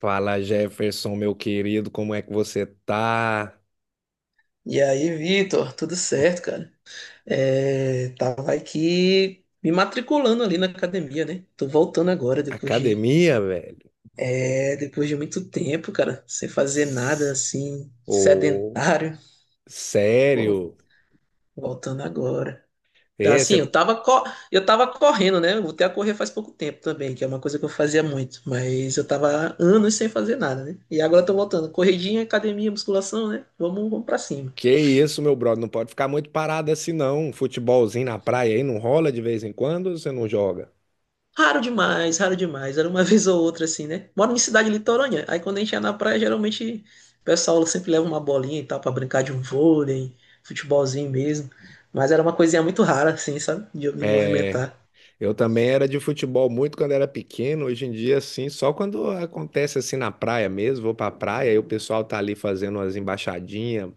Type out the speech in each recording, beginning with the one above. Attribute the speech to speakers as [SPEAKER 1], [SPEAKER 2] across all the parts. [SPEAKER 1] Fala Jefferson, meu querido, como é que você tá?
[SPEAKER 2] E aí, Vitor, tudo certo, cara? É, tava aqui me matriculando ali na academia, né? Tô voltando agora,
[SPEAKER 1] Academia, velho?
[SPEAKER 2] depois de muito tempo, cara, sem fazer nada
[SPEAKER 1] S-
[SPEAKER 2] assim,
[SPEAKER 1] Ô,
[SPEAKER 2] sedentário. Pô,
[SPEAKER 1] sério?
[SPEAKER 2] voltando agora. Tá.
[SPEAKER 1] É.
[SPEAKER 2] Assim, eu tava correndo, né? Eu voltei a correr faz pouco tempo também, que é uma coisa que eu fazia muito, mas eu tava anos sem fazer nada, né? E agora eu tô voltando. Corridinha, academia, musculação, né? Vamos, vamos pra cima.
[SPEAKER 1] Que isso, meu brother? Não pode ficar muito parado assim, não. Um futebolzinho na praia aí não rola de vez em quando ou você não joga?
[SPEAKER 2] Raro demais, raro demais. Era uma vez ou outra, assim, né? Moro em cidade litorânea. Aí quando a gente ia na praia, geralmente o pessoal sempre leva uma bolinha e tal pra brincar de um vôlei, futebolzinho mesmo. Mas era uma coisinha muito rara, assim, sabe? De eu me
[SPEAKER 1] É,
[SPEAKER 2] movimentar.
[SPEAKER 1] eu também era de futebol muito quando era pequeno. Hoje em dia, assim, só quando acontece assim na praia mesmo, vou pra praia e o pessoal tá ali fazendo umas embaixadinhas,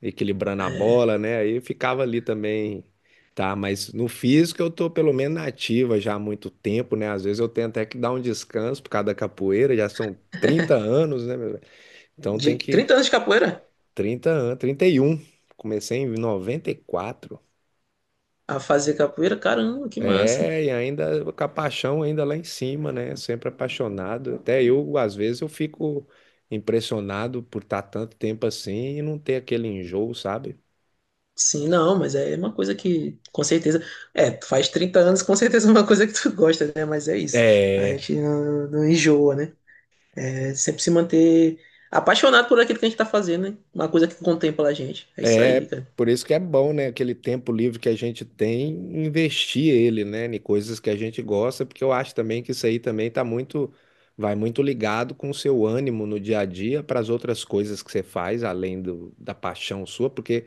[SPEAKER 1] equilibrando a bola, né? Aí eu ficava ali também, tá? Mas no físico eu tô pelo menos na ativa já há muito tempo, né? Às vezes eu tenho até que dar um descanso por causa da capoeira, já são 30 anos, né, meu velho? Então
[SPEAKER 2] De
[SPEAKER 1] tem que
[SPEAKER 2] 30 anos de capoeira
[SPEAKER 1] 30 anos, 31. Comecei em 94.
[SPEAKER 2] a fazer capoeira, caramba, que massa.
[SPEAKER 1] É, e ainda com a paixão ainda lá em cima, né? Sempre apaixonado. Até eu, às vezes, eu fico impressionado por estar tanto tempo assim e não ter aquele enjoo, sabe?
[SPEAKER 2] Sim, não, mas é uma coisa que, com certeza. É, tu faz 30 anos, com certeza é uma coisa que tu gosta, né? Mas é isso. A
[SPEAKER 1] É.
[SPEAKER 2] gente não enjoa, né? É sempre se manter apaixonado por aquilo que a gente tá fazendo, né? Uma coisa que contempla a gente. É isso aí,
[SPEAKER 1] É
[SPEAKER 2] cara.
[SPEAKER 1] por isso que é bom, né? Aquele tempo livre que a gente tem, investir ele, né? Em coisas que a gente gosta, porque eu acho também que isso aí também vai muito ligado com o seu ânimo no dia a dia para as outras coisas que você faz, além da paixão sua, porque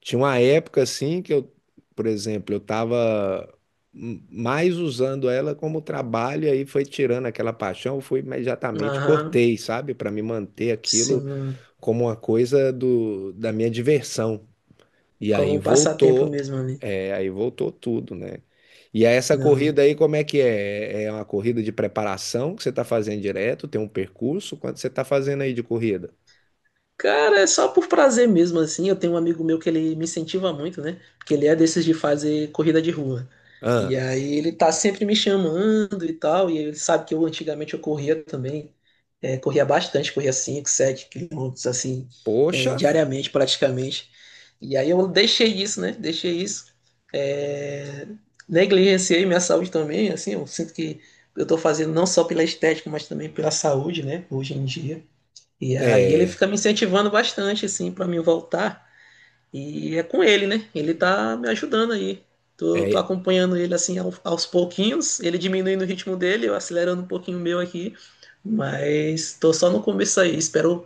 [SPEAKER 1] tinha uma época assim que eu, por exemplo, eu tava mais usando ela como trabalho, e aí foi tirando aquela paixão, eu fui imediatamente
[SPEAKER 2] Aham,
[SPEAKER 1] cortei, sabe? Para me manter aquilo
[SPEAKER 2] sim.
[SPEAKER 1] como uma coisa da minha diversão. E
[SPEAKER 2] Como
[SPEAKER 1] aí
[SPEAKER 2] um passatempo
[SPEAKER 1] voltou,
[SPEAKER 2] mesmo ali.
[SPEAKER 1] é, aí voltou tudo, né? E aí essa
[SPEAKER 2] Não.
[SPEAKER 1] corrida aí, como é que é? É uma corrida de preparação que você está fazendo direto? Tem um percurso? Quanto você está fazendo aí de corrida?
[SPEAKER 2] Cara, é só por prazer mesmo, assim. Eu tenho um amigo meu que ele me incentiva muito, né? Porque ele é desses de fazer corrida de rua. E
[SPEAKER 1] Ah,
[SPEAKER 2] aí ele tá sempre me chamando e tal, e ele sabe que eu antigamente eu corria também, corria bastante, corria 5 7 quilômetros, assim,
[SPEAKER 1] poxa,
[SPEAKER 2] diariamente praticamente. E aí eu deixei isso, né? Deixei isso. É, negligenciei minha saúde também, assim, eu sinto que eu tô fazendo não só pela estética, mas também pela saúde, né? Hoje em dia. E aí ele
[SPEAKER 1] é,
[SPEAKER 2] fica me incentivando bastante, assim, para mim voltar. E é com ele, né? Ele tá me ajudando aí. Tô
[SPEAKER 1] é,
[SPEAKER 2] acompanhando ele assim aos pouquinhos, ele diminuindo o ritmo dele, eu acelerando um pouquinho o meu aqui. Mas tô só no começo aí. Espero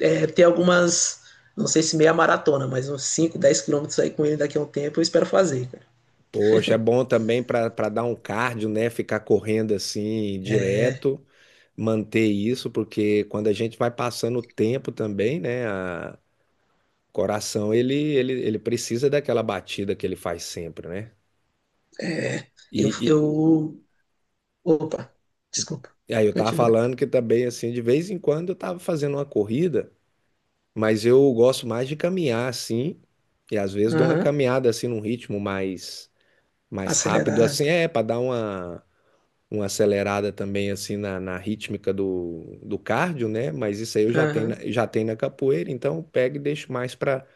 [SPEAKER 2] é, ter algumas, não sei se meia maratona, mas uns cinco, dez quilômetros aí com ele daqui a um tempo. Eu espero fazer, cara.
[SPEAKER 1] poxa, é bom também para dar um cardio, né? Ficar correndo assim direto, manter isso, porque quando a gente vai passando o tempo também, né? O coração ele precisa daquela batida que ele faz sempre, né?
[SPEAKER 2] É, eu,
[SPEAKER 1] E,
[SPEAKER 2] eu. Opa, desculpa.
[SPEAKER 1] E aí eu tava
[SPEAKER 2] Continua.
[SPEAKER 1] falando que também, assim, de vez em quando eu tava fazendo uma corrida, mas eu gosto mais de caminhar, assim, e às vezes dou uma
[SPEAKER 2] Aham,
[SPEAKER 1] caminhada, assim, num ritmo mais rápido,
[SPEAKER 2] acelerado.
[SPEAKER 1] assim, é, para dar uma acelerada também, assim, na rítmica do cardio, né? Mas isso aí eu já tenho,
[SPEAKER 2] Aham,
[SPEAKER 1] já tenho na capoeira, então eu pego e deixo mais pra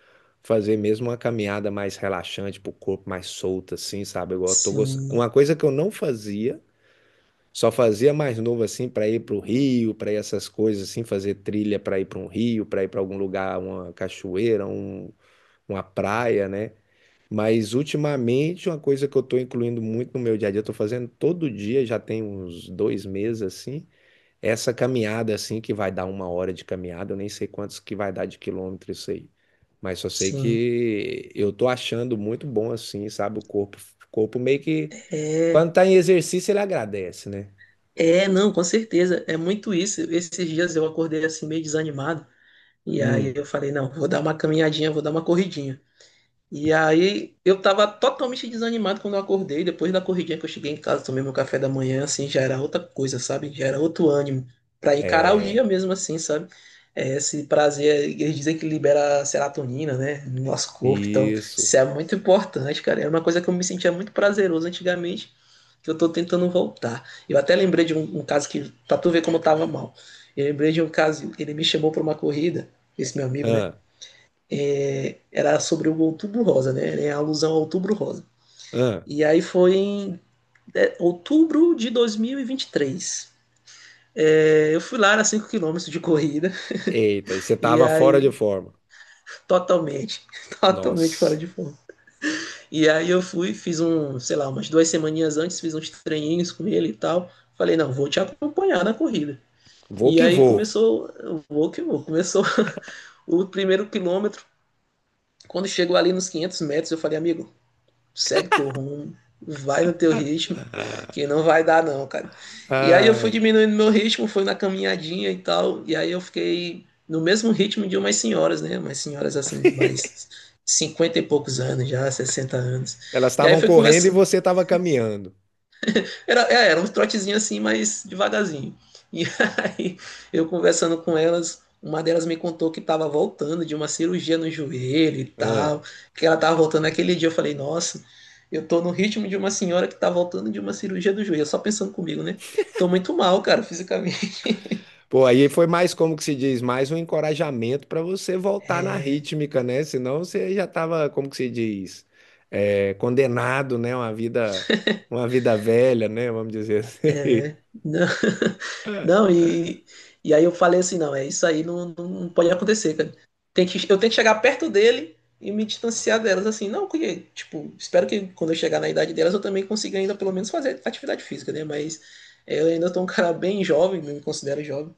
[SPEAKER 1] fazer mesmo uma caminhada mais relaxante, pro corpo mais solto, assim, sabe? Igual eu tô gost...
[SPEAKER 2] sim,
[SPEAKER 1] Uma coisa que eu não fazia só fazia mais novo assim para ir para o Rio, para ir essas coisas assim, fazer trilha para ir para um rio, para ir para algum lugar, uma cachoeira, uma praia, né? Mas ultimamente uma coisa que eu estou incluindo muito no meu dia a dia, eu tô fazendo todo dia, já tem uns 2 meses assim, é essa caminhada assim que vai dar uma hora de caminhada, eu nem sei quantos que vai dar de quilômetro isso aí, mas só sei
[SPEAKER 2] sim.
[SPEAKER 1] que eu tô achando muito bom assim, sabe? O corpo meio que quando
[SPEAKER 2] É.
[SPEAKER 1] tá em exercício ele agradece, né?
[SPEAKER 2] É, não, com certeza. É muito isso. Esses dias eu acordei assim meio desanimado. E aí eu
[SPEAKER 1] Hum.
[SPEAKER 2] falei, não, vou dar uma caminhadinha, vou dar uma corridinha. E aí eu tava totalmente desanimado quando eu acordei. Depois da corridinha que eu cheguei em casa, tomei meu café da manhã, assim, já era outra coisa, sabe? Já era outro ânimo pra encarar o dia
[SPEAKER 1] É,
[SPEAKER 2] mesmo, assim, sabe? É, esse prazer, eles dizem que libera serotonina, né, no nosso corpo. Então,
[SPEAKER 1] isso.
[SPEAKER 2] isso é muito importante, cara. É uma coisa que eu me sentia muito prazeroso antigamente, que eu tô tentando voltar. Eu até lembrei de um caso que, pra tu ver como eu tava mal. Eu lembrei de um caso, ele me chamou pra uma corrida, esse meu amigo, né?
[SPEAKER 1] Ah,
[SPEAKER 2] Era sobre o Outubro Rosa, né? Era alusão ao Outubro Rosa.
[SPEAKER 1] ah.
[SPEAKER 2] E aí foi em outubro de 2023. É, eu fui lá, era cinco quilômetros de corrida,
[SPEAKER 1] Eita, e você
[SPEAKER 2] e
[SPEAKER 1] tava fora de
[SPEAKER 2] aí
[SPEAKER 1] forma.
[SPEAKER 2] totalmente, totalmente fora
[SPEAKER 1] Nossa,
[SPEAKER 2] de forma. E aí eu fui, fiz um, sei lá, umas duas semaninhas antes, fiz uns treininhos com ele e tal. Falei, não, vou te acompanhar na corrida.
[SPEAKER 1] vou
[SPEAKER 2] E
[SPEAKER 1] que
[SPEAKER 2] aí
[SPEAKER 1] vou.
[SPEAKER 2] começou, vou que vou, começou o primeiro quilômetro. Quando chegou ali nos 500 metros, eu falei, amigo, segue teu rumo, vai no teu ritmo, que não vai dar não, cara. E aí eu fui
[SPEAKER 1] Ai,
[SPEAKER 2] diminuindo meu ritmo, fui na caminhadinha e tal, e aí eu fiquei no mesmo ritmo de umas senhoras, né? Umas senhoras assim, de mais 50 e poucos anos já, 60 anos.
[SPEAKER 1] elas
[SPEAKER 2] E aí
[SPEAKER 1] estavam
[SPEAKER 2] foi
[SPEAKER 1] correndo e
[SPEAKER 2] conversa,
[SPEAKER 1] você estava caminhando.
[SPEAKER 2] era uns trotezinhos assim, mas devagarzinho. E aí, eu conversando com elas, uma delas me contou que estava voltando de uma cirurgia no joelho e
[SPEAKER 1] Ah.
[SPEAKER 2] tal, que ela estava voltando naquele dia. Eu falei, nossa, eu tô no ritmo de uma senhora que tá voltando de uma cirurgia do joelho, só pensando comigo, né? Tô muito mal, cara, fisicamente.
[SPEAKER 1] Pô, aí foi mais, como que se diz, mais um encorajamento para você voltar na rítmica, né? Senão você já estava, como que se diz, é, condenado, né? Uma vida velha, né? Vamos dizer assim.
[SPEAKER 2] É, não. Não, e, e aí eu falei assim, não, é isso aí, não pode acontecer, cara. Tem que, eu tenho que chegar perto dele e me distanciar delas, assim, não, porque, tipo, espero que quando eu chegar na idade delas eu também consiga ainda pelo menos fazer atividade física, né? Mas eu ainda tô um cara bem jovem, me considero jovem,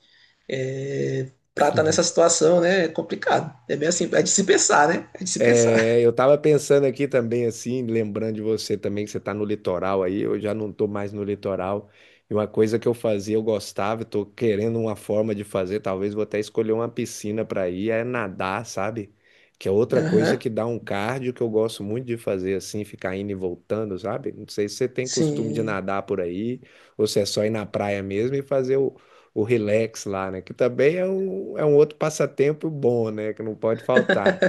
[SPEAKER 2] pra estar nessa situação, né? É complicado. É bem assim, é de se pensar, né? É de se
[SPEAKER 1] É,
[SPEAKER 2] pensar.
[SPEAKER 1] eu tava pensando aqui também, assim, lembrando de você também, que você tá no litoral aí, eu já não tô mais no litoral. E uma coisa que eu fazia, eu gostava, eu tô querendo uma forma de fazer, talvez vou até escolher uma piscina pra ir, é nadar, sabe? Que é outra coisa
[SPEAKER 2] Aham,
[SPEAKER 1] que dá um cardio que eu gosto muito de fazer, assim, ficar indo e voltando, sabe? Não sei se você tem costume de
[SPEAKER 2] sim.
[SPEAKER 1] nadar por aí, ou se é só ir na praia mesmo e fazer o relax lá, né? Que também é um outro passatempo bom, né? Que não pode faltar.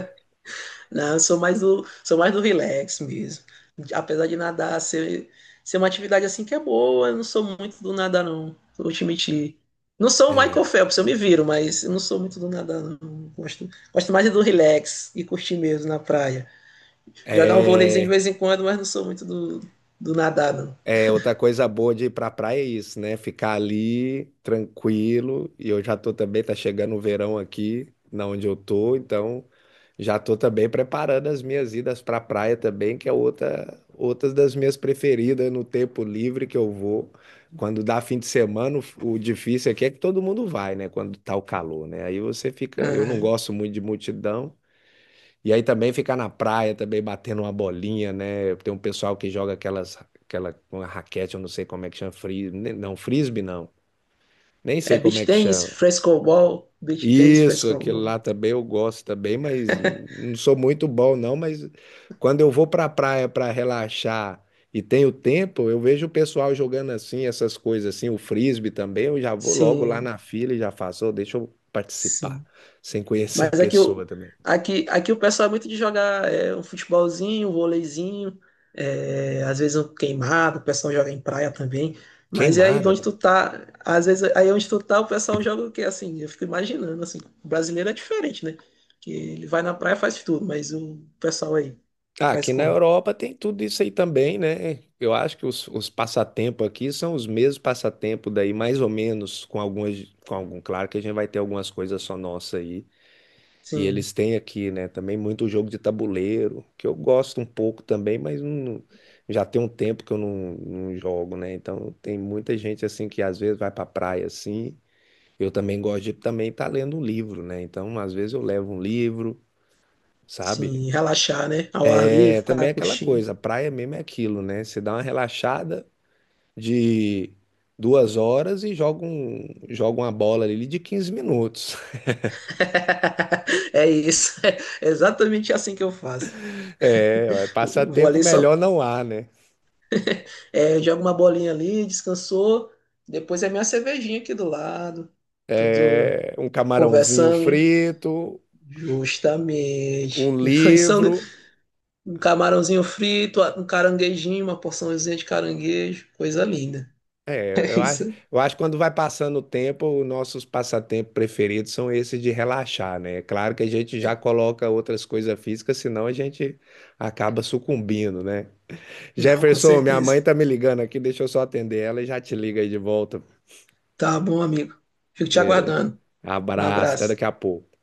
[SPEAKER 2] Não, eu sou mais sou mais do relax mesmo. Apesar de nadar ser uma atividade assim que é boa, eu não sou muito do nadar, não. Vou te mentir. Não sou o Michael Phelps, eu me viro, mas eu não sou muito do nadar, não. Gosto, gosto mais do relax e curtir mesmo na praia. Jogar um vôleizinho de
[SPEAKER 1] É,
[SPEAKER 2] vez em quando, mas não sou muito do nadar, não.
[SPEAKER 1] é outra coisa boa de ir pra praia é isso, né? Ficar ali tranquilo. E eu já tô também, tá chegando o verão aqui, na onde eu tô, então já tô também preparando as minhas idas pra praia também, que é outras das minhas preferidas, né? No tempo livre que eu vou. Quando dá fim de semana, o difícil aqui é que todo mundo vai, né? Quando tá o calor, né? Aí você fica, eu não
[SPEAKER 2] Aham.
[SPEAKER 1] gosto muito de multidão. E aí também ficar na praia, também batendo uma bolinha, né? Tem um pessoal que joga aquela uma raquete, eu não sei como é que chama, não, frisbee não. Nem
[SPEAKER 2] É
[SPEAKER 1] sei como é
[SPEAKER 2] beach
[SPEAKER 1] que
[SPEAKER 2] tennis,
[SPEAKER 1] chama.
[SPEAKER 2] frescobol, beach tennis,
[SPEAKER 1] Isso, aquilo
[SPEAKER 2] frescobol.
[SPEAKER 1] lá também eu gosto também, mas não sou muito bom não, mas quando eu vou pra praia pra relaxar e tenho tempo, eu vejo o pessoal jogando assim, essas coisas assim, o frisbee também, eu já vou logo lá
[SPEAKER 2] Sim,
[SPEAKER 1] na fila e já faço, "Ô, deixa eu participar,
[SPEAKER 2] sim.
[SPEAKER 1] sem conhecer a
[SPEAKER 2] Mas aqui, o-
[SPEAKER 1] pessoa também.
[SPEAKER 2] aqui, aqui o pessoal é muito de jogar é, um futebolzinho, um vôleizinho, é, às vezes um queimado, o pessoal joga em praia também. Mas é aí de
[SPEAKER 1] Queimada,
[SPEAKER 2] onde
[SPEAKER 1] velho.
[SPEAKER 2] tu tá, às vezes aí onde tu tá, o pessoal joga o quê? Assim, eu fico imaginando, assim, o brasileiro é diferente, né? Que ele vai na praia e faz tudo, mas o pessoal aí
[SPEAKER 1] Ah,
[SPEAKER 2] faz
[SPEAKER 1] aqui na
[SPEAKER 2] como?
[SPEAKER 1] Europa tem tudo isso aí também, né? Eu acho que os passatempos aqui são os mesmos passatempos daí, mais ou menos, com algumas, com algum, claro que a gente vai ter algumas coisas só nossa aí. E
[SPEAKER 2] Sim,
[SPEAKER 1] eles têm aqui, né, também muito jogo de tabuleiro, que eu gosto um pouco também, já tem um tempo que eu não jogo, né? Então tem muita gente assim que às vezes vai pra praia assim. Eu também gosto de também estar lendo um livro, né? Então às vezes eu levo um livro, sabe?
[SPEAKER 2] sim, relaxar, né? Ao ar
[SPEAKER 1] É
[SPEAKER 2] livre,
[SPEAKER 1] também
[SPEAKER 2] ficar
[SPEAKER 1] é aquela
[SPEAKER 2] curtindo.
[SPEAKER 1] coisa, a praia mesmo é aquilo, né? Você dá uma relaxada de 2 horas e joga uma bola ali de 15 minutos.
[SPEAKER 2] É isso, é exatamente assim que eu faço.
[SPEAKER 1] É, ué,
[SPEAKER 2] Vou
[SPEAKER 1] passatempo
[SPEAKER 2] ali
[SPEAKER 1] melhor
[SPEAKER 2] só
[SPEAKER 1] não há, né?
[SPEAKER 2] É, joga uma bolinha ali, descansou. Depois é minha cervejinha aqui do lado. Tudo
[SPEAKER 1] É, um camarãozinho
[SPEAKER 2] conversando, né?
[SPEAKER 1] frito, um
[SPEAKER 2] Justamente. Isso é um
[SPEAKER 1] livro.
[SPEAKER 2] Um camarãozinho frito, um caranguejinho, uma porçãozinha de caranguejo. Coisa linda.
[SPEAKER 1] É,
[SPEAKER 2] É
[SPEAKER 1] Eu acho,
[SPEAKER 2] isso?
[SPEAKER 1] eu acho que quando vai passando o tempo, os nossos passatempos preferidos são esses de relaxar, né? É claro que a gente já coloca outras coisas físicas, senão a gente acaba sucumbindo, né?
[SPEAKER 2] Não, com
[SPEAKER 1] Jefferson, minha mãe
[SPEAKER 2] certeza.
[SPEAKER 1] tá me ligando aqui, deixa eu só atender ela e já te liga aí de volta.
[SPEAKER 2] Tá bom, amigo. Fico te
[SPEAKER 1] Beleza.
[SPEAKER 2] aguardando. Um
[SPEAKER 1] Abraço, até
[SPEAKER 2] abraço.
[SPEAKER 1] daqui a pouco.